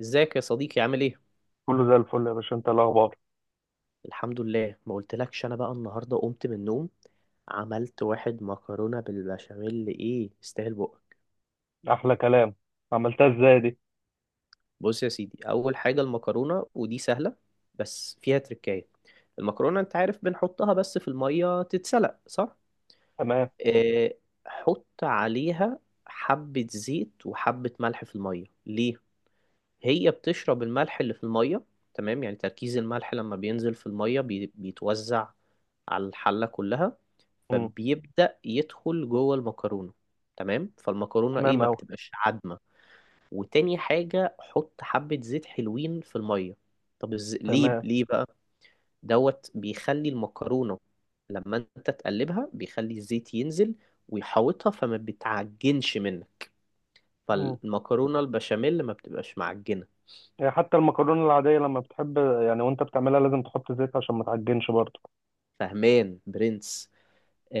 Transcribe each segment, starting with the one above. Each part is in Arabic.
ازيك يا صديقي؟ عامل ايه؟ كله زي الفل يا باشا، انت إيه الاخبار؟ الحمد لله، ما قلتلكش. انا بقى النهارده قمت من النوم، عملت واحد مكرونه بالبشاميل. ايه؟ يستاهل بقك. احلى كلام. عملتها ازاي دي؟ بص يا سيدي، اول حاجه المكرونه، ودي سهله بس فيها تركايه. المكرونه انت عارف بنحطها بس في الميه تتسلق، صح؟ تمام. اه، حط عليها حبه زيت وحبه ملح في الميه. ليه؟ هي بتشرب الملح اللي في المية. تمام، يعني تركيز الملح لما بينزل في المية بيتوزع على الحلة كلها. مم. فبيبدأ يدخل جوه المكرونة. تمام، فالمكرونة ايه تمام ما اوي. بتبقاش عدمة. وتاني حاجة، حط حبة زيت حلوين في المية. طب ليه تمام. بقى؟ دوت بيخلي المكرونة لما انت تقلبها، بيخلي الزيت ينزل ويحوطها، فما بتعجنش منك. مم. فالمكرونة البشاميل ما بتبقاش معجنة. يعني حتى المكرونه العاديه لما بتحب، يعني وانت بتعملها لازم تحط زيت عشان ما تعجنش برضه. فهمان برنس.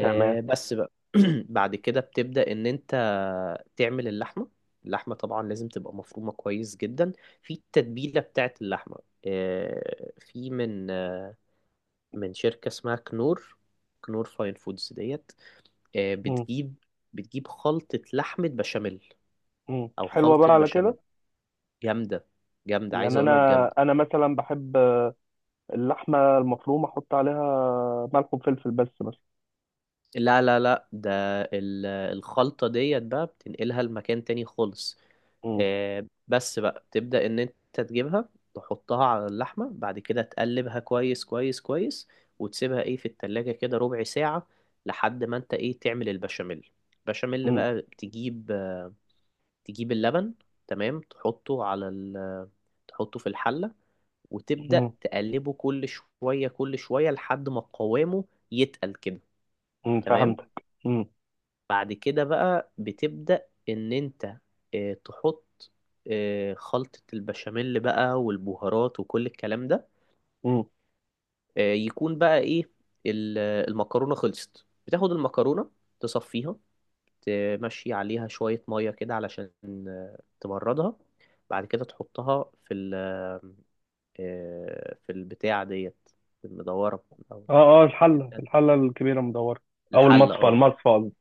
تمام. بس بقى بعد كده بتبدأ ان انت تعمل اللحمة. اللحمة طبعا لازم تبقى مفرومة كويس جدا في التتبيلة بتاعت اللحمة. في من من شركة اسمها كنور. كنور فاين فودز ديت. آه، مم. بتجيب بتجيب خلطة لحمة بشاميل مم. او حلوه بقى خلطة على بشاميل كده. جامدة. جامدة، عايز يعني اقول لك انا جامدة. انا مثلا بحب اللحمه المفرومه، احط عليها ملح وفلفل بس مثلا. لا لا لا، ده الخلطة ديت بقى بتنقلها لمكان تاني خالص. مم. بس بقى تبدأ ان انت تجيبها، تحطها على اللحمة. بعد كده تقلبها كويس كويس كويس وتسيبها ايه في التلاجة كده ربع ساعة، لحد ما انت ايه تعمل البشاميل. بشاميل مم. بقى تجيب اللبن، تمام، تحطه على ال، تحطه في الحلة وتبدأ مم. تقلبه كل شوية كل شوية لحد ما قوامه يتقل كده. مم. تمام. فهمتك. مم. بعد كده بقى بتبدأ ان انت تحط خلطة البشاميل بقى والبهارات وكل الكلام ده. مم. يكون بقى ايه ال- المكرونة خلصت، بتاخد المكرونة تصفيها، تمشي عليها شوية مية كده علشان تبردها. بعد كده تحطها في ال، في البتاع ديت، المدورة أو اه اه، الحله الكبيره مدوره، او الحلة. المصفى اه، المصفى قصدي.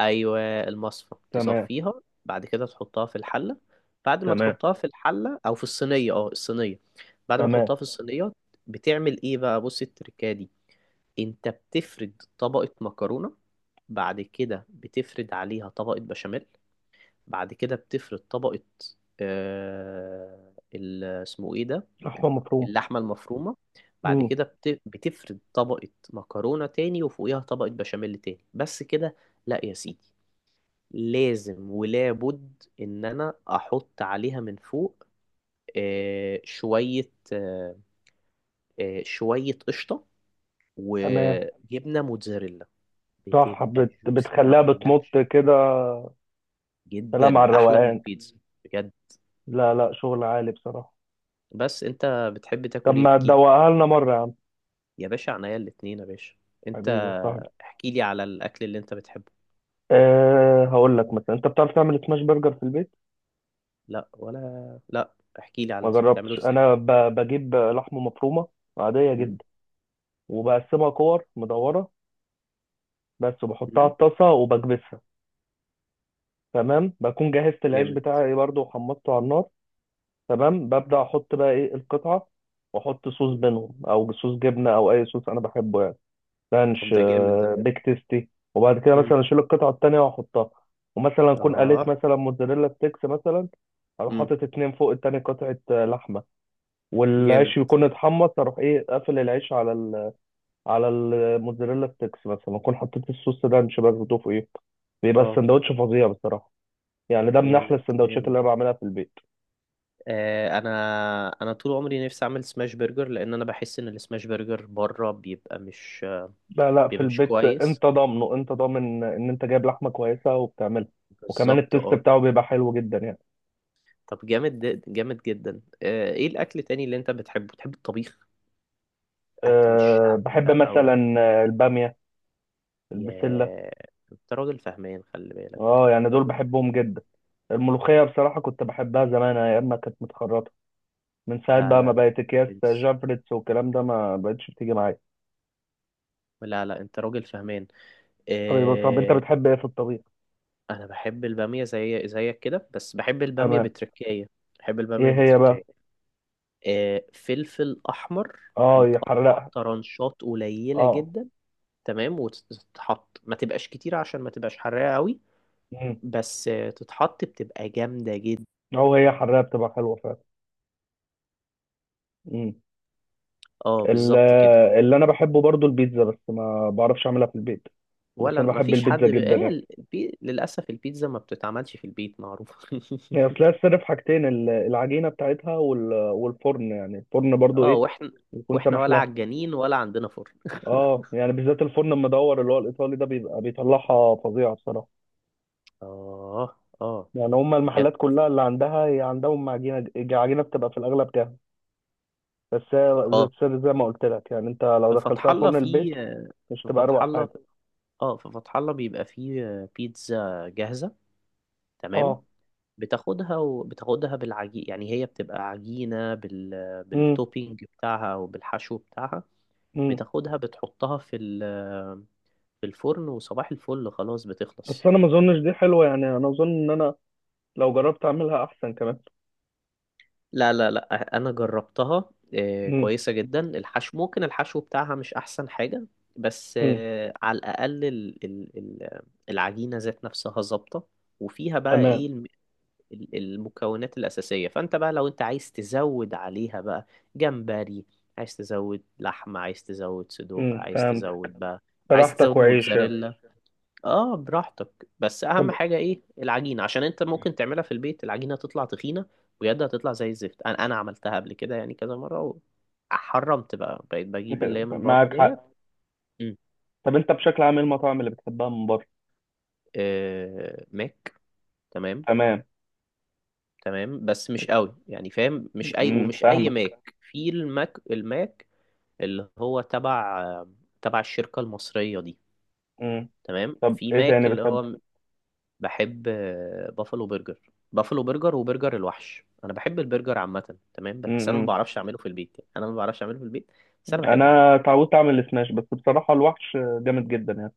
ايوه، المصفى تمام. تصفيها. بعد كده تحطها في الحله. بعد ما تمام. تحطها في الحله او في الصينيه، اه الصينيه. بعد ما تمام. تحطها في الصينيه، بتعمل ايه بقى؟ بص التركه دي: انت بتفرد طبقه مكرونه، بعد كده بتفرد عليها طبقه بشاميل، بعد كده بتفرد طبقه، آه اسمه ايه ده، لحمة مفرومة. اللحمه المفرومه. بعد امم كده بتفرد طبقه مكرونه تاني وفوقيها طبقه بشاميل تاني. بس كده؟ لا يا سيدي، لازم ولابد ان انا احط عليها من فوق شوية شوية قشطة تمام. وجبنة موتزاريلا. صح، بتبقى جوسي ما بتخليها بتمط اقولكش، كده. سلام جدا على احلى من الروقان. البيتزا، بجد. لا لا، شغل عالي بصراحة. بس انت بتحب طب تاكل ايه؟ ما احكيلي. تدوقها لنا مرة يا عم؟ يا باشا عنيا الاتنين يا باشا. انت حبيبي يا صاحبي. احكيلي على الاكل اللي انت بتحبه. أه، هقول لك مثلا، انت بتعرف تعمل سماش برجر في البيت؟ لا ولا لا، احكيلي على ما بتعمله جربتش. ازاي. بجيب لحمة مفرومة عادية م؟ جدا، وبقسمها كور مدورة بس، وبحطها على م؟ الطاسة وبكبسها. تمام، بكون جهزت العيش جامد. بتاعي برضو وحمصته على النار. تمام، ببدأ أحط بقى إيه القطعة، وأحط صوص م؟ بينهم، أو صوص جبنة، أو أي صوص أنا بحبه، يعني طب رانش، ده جامد ده. بيك تيستي. وبعد كده م. مثلا أشيل القطعة التانية وأحطها، ومثلا أكون قليت اه. مثلا موتزاريلا ستيكس مثلا، أروح م. حاطط اتنين فوق التاني قطعة لحمة. جامد. والعيش يكون اتحمص، أروح إيه قافل العيش على الموتزاريلا ستيكس، مثلا أكون حطيت الصوص رانش برضه فوقيه. بيبقى اه. السندوتش فظيع بصراحة، يعني ده من أحلى جامد السندوتشات جامد. اللي أنا بعملها في البيت. آه انا انا طول عمري نفسي اعمل سماش برجر، لان انا بحس ان السماش برجر بره بيبقى مش، لا لا، في بيبقى مش البيت كويس. انت ضامنه، انت ضامن ان انت جايب لحمه كويسه وبتعملها. وكمان بالظبط، التيست اه. بتاعه بيبقى حلو جدا يعني. طب جامد جامد جدا. آه، ايه الاكل التاني اللي انت بتحبه؟ بتحب الطبيخ؟ اكل أه، الشعبي بحب بقى و... مثلا الباميه، البسله. يا، انت راجل فهمان، خلي بالك، اه، يعني انت دول راجل بحبهم فهمان. جدا. الملوخيه بصراحه كنت بحبها زمان، ايام ما كانت متخرطه. من ساعه لا لا بقى ما لا، بقت يا اكياس برنس، جافريتس والكلام ده، ما بقتش بتيجي معايا. لا لا، انت راجل فهمان. حبيبي، طب انت آه، بتحب ايه في الطبيخ؟ انا بحب البامية زي زيك كده، بس بحب البامية تمام. بتركاية. بحب ايه البامية هي بقى؟ بتركاية. فلفل احمر اه، متقطع يحرقها. طرنشات قليله اه. جدا. تمام، وتتحط ما تبقاش كتير عشان ما تبقاش حراقه قوي. امم بس تتحط بتبقى جامده جدا. او هي حرقها بتبقى حلوه فعلا. مم. اه، ال- بالظبط كده. اللي انا بحبه برضو البيتزا، بس ما بعرفش اعملها في البيت. بس ولا انا ما بحب فيش البيتزا حد جدا هي يعني. للاسف البيتزا ما بتتعملش في البيت، معروف. هي اصلها السر في حاجتين، العجينه بتاعتها والفرن، يعني الفرن برضو اه، ايه يكون واحنا سامح ولا لها. عجانين ولا عندنا فرن. اه، يعني بالذات الفرن المدور اللي هو الايطالي ده بيبقى بيطلعها فظيعه بصراحه، اه، اه، يعني هما بجد. المحلات كلها اللي عندها، هي عندهم عجينه، عجينه بتبقى في الاغلب جاهزه. بس هي زي اه، السر زي ما قلت لك، يعني انت في لو فتح دخلتها الله فرن البيت في مش في تبقى فتح اروق الله. حاجه؟ اه، في فتح الله بيبقى فيه بيتزا جاهزة، تمام. اه. بتاخدها، وبتاخدها بالعجين، يعني هي بتبقى عجينة امم بالتوبينج بتاعها او بالحشو بتاعها. امم بتاخدها بتحطها في الفرن، وصباح الفل خلاص بس بتخلص. انا ما اظنش دي حلوه، يعني انا اظن ان انا لو جربت اعملها احسن كمان. لا لا لا، انا جربتها، مم. كويسة جدا. الحشو ممكن الحشو بتاعها مش احسن حاجة، بس مم. على الاقل العجينة ذات نفسها ظابطة. وفيها بقى تمام. ايه المكونات الأساسية. فأنت بقى لو أنت عايز تزود عليها بقى، جمبري، عايز تزود لحمة، عايز تزود صدوق، مم. عايز فهمت. تزود بقى، عايز براحتك تزود وعيش يعني. موتزاريلا. اه، براحتك. بس طب أهم حاجة إيه؟ العجينة، عشان أنت ممكن تعملها في البيت العجينة تطلع تخينة ويدها تطلع زي الزفت. أنا عملتها قبل كده يعني كذا مرة، وحرمت بقى، بقيت بجيب اللي هي من بره معاك ديت. حق. مم. طب انت بشكل عام ايه المطاعم اللي بتحبها من بره؟ آه، ماك. تمام. تمام. تمام بس مش قوي، يعني فاهم، مش اي مم. ومش اي فاهمك. ماك. في الماك، الماك اللي هو تبع، تبع الشركة المصرية دي. مم. تمام. طب في ايه ماك تاني اللي بتحبه؟ هو، بحب بافلو برجر. بافلو برجر وبرجر الوحش. انا بحب البرجر عامة، تمام، بس انا ما مم. بعرفش اعمله في البيت، يعني انا ما بعرفش اعمله في البيت. بس انا بحبه. انا اتعودت اعمل السماش، بس بصراحة الوحش جامد جدا يعني،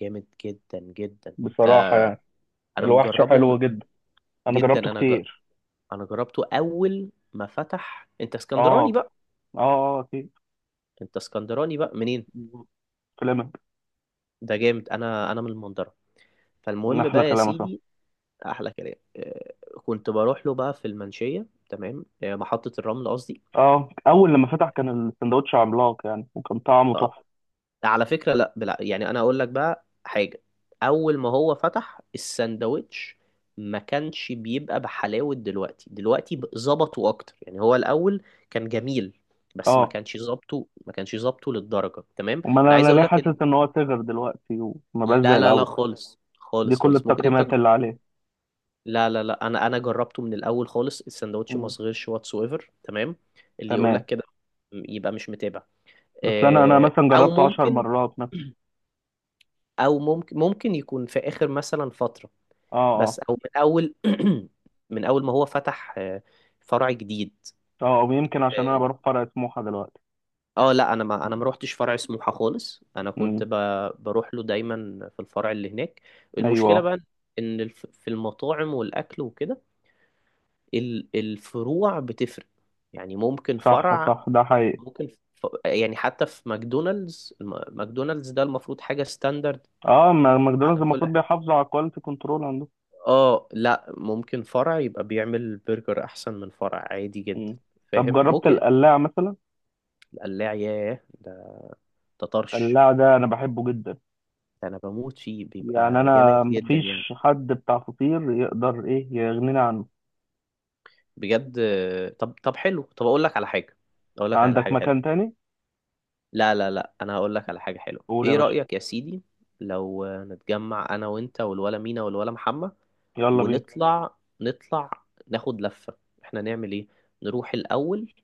جامد جدا جدا. انت، بصراحة يعني. انا الوحش مجربه حلو جدا، انا جدا. جربته كتير. انا جربته اول ما فتح. انت اسكندراني اه بقى؟ اه اه، اكيد انت اسكندراني بقى منين؟ كلامك، ده جامد. انا من المنظرة. فالمهم احلى بقى يا كلام، صح. سيدي، احلى كلام. كنت بروح له بقى في المنشيه، تمام، محطه الرمل قصدي. اه، اول لما فتح كان السندوتش عملاق يعني، وكان طعمه تحفة. آه، على فكره لا بلا، يعني انا اقول لك بقى حاجه: اول ما هو فتح الساندوتش ما كانش بيبقى بحلاوه دلوقتي. دلوقتي ظبطوا اكتر، يعني هو الاول كان جميل، بس ما اه، كانش ظبطه، ما كانش ظبطه للدرجه. تمام. امال انا انا عايز أنا ليه اقول لك ان، حاسس ان هو صغر دلوقتي وما بقاش زي لا لا لا، الاول؟ خالص دي خالص كل خالص. ممكن انت، التقييمات اللي عليه. لا لا لا، انا جربته من الاول خالص، السندوتش ما مم. صغيرش، واتس ايفر. تمام. اللي يقول تمام. لك كده يبقى مش متابع. اصل انا آه، مثلا او جربته 10 ممكن مرات مثلا. او ممكن ممكن يكون في اخر مثلا فتره، اه بس اه او من اول من اول ما هو فتح فرع جديد. اه. او يمكن عشان انا اه. بروح فرع سموحه دلوقتي. لا، انا ما روحتش فرع سموحه خالص. مم. بروح له دايما في الفرع اللي هناك. المشكله ايوه، بقى، ان في المطاعم والاكل وكده الفروع بتفرق. يعني ممكن صح فرع، صح، ده حقيقي. ممكن يعني حتى في ماكدونالدز ماكدونالدز ده المفروض حاجة ستاندرد اه، ماكدونالدز على كل المفروض حاجة. بيحافظوا على الكواليتي كنترول عندهم. اه، لا، ممكن فرع يبقى بيعمل برجر احسن من فرع عادي جدا، مم. طب فاهم؟ جربت ممكن. القلاع مثلا؟ القلاع ياه ده، ده طرش، القلاع ده انا بحبه جدا، ده انا بموت فيه، يعني بيبقى انا جامد جدا مفيش يعني، حد بتاع فطير يقدر ايه يغنينا عنه. بجد. طب طب حلو، طب اقول لك على حاجة، اقول لك على عندك حاجة مكان حلوة. تاني؟ لا لا لا، انا هقول لك على حاجه حلوه. قول يا ايه باشا. رايك يا سيدي لو نتجمع انا وانت والولا مينا والولا محمد، يلا بينا. ونطلع نطلع ناخد لفه؟ احنا نعمل ايه؟ نروح الاول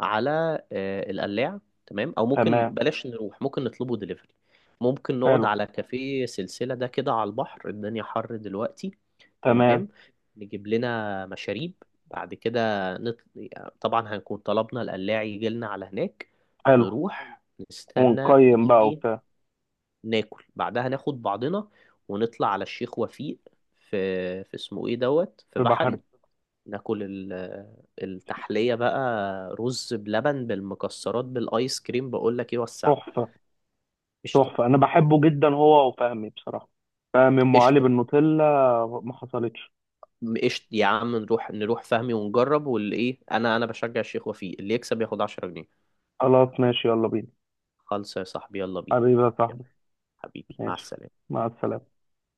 على القلاع. تمام. او ممكن تمام. بلاش نروح، ممكن نطلبه دليفري. ممكن نقعد حلو. على كافيه سلسلة ده كده على البحر، الدنيا حر دلوقتي. تمام. تمام. نجيب لنا مشاريب، بعد كده نط... طبعا هنكون طلبنا القلاع يجي لنا على هناك. حلو. نروح، نستنى ونقيم بقى يجي، وبتاع. ناكل، بعدها ناخد بعضنا ونطلع على الشيخ وفيق. في في اسمه ايه دوت، في في بحري. بحري. ناكل التحلية بقى، رز بلبن بالمكسرات بالايس كريم. بقول لك ايه، وسع. تحفة. قشطة. تحفة، أنا بحبه جدا هو وفهمي بصراحة. فهمي أم علي قشطة. بالنوتيلا، ما حصلتش. قشطة يا عم، نروح، نروح فهمي ونجرب، واللي ايه، انا بشجع الشيخ وفيق، اللي يكسب ياخد 10 جنيه. خلاص ماشي، يلا بينا. خالص يا صاحبي، يلا بينا. حبيبي يا يلا، صاحبي. حبيبي، مع ماشي، السلامة. مع السلامة.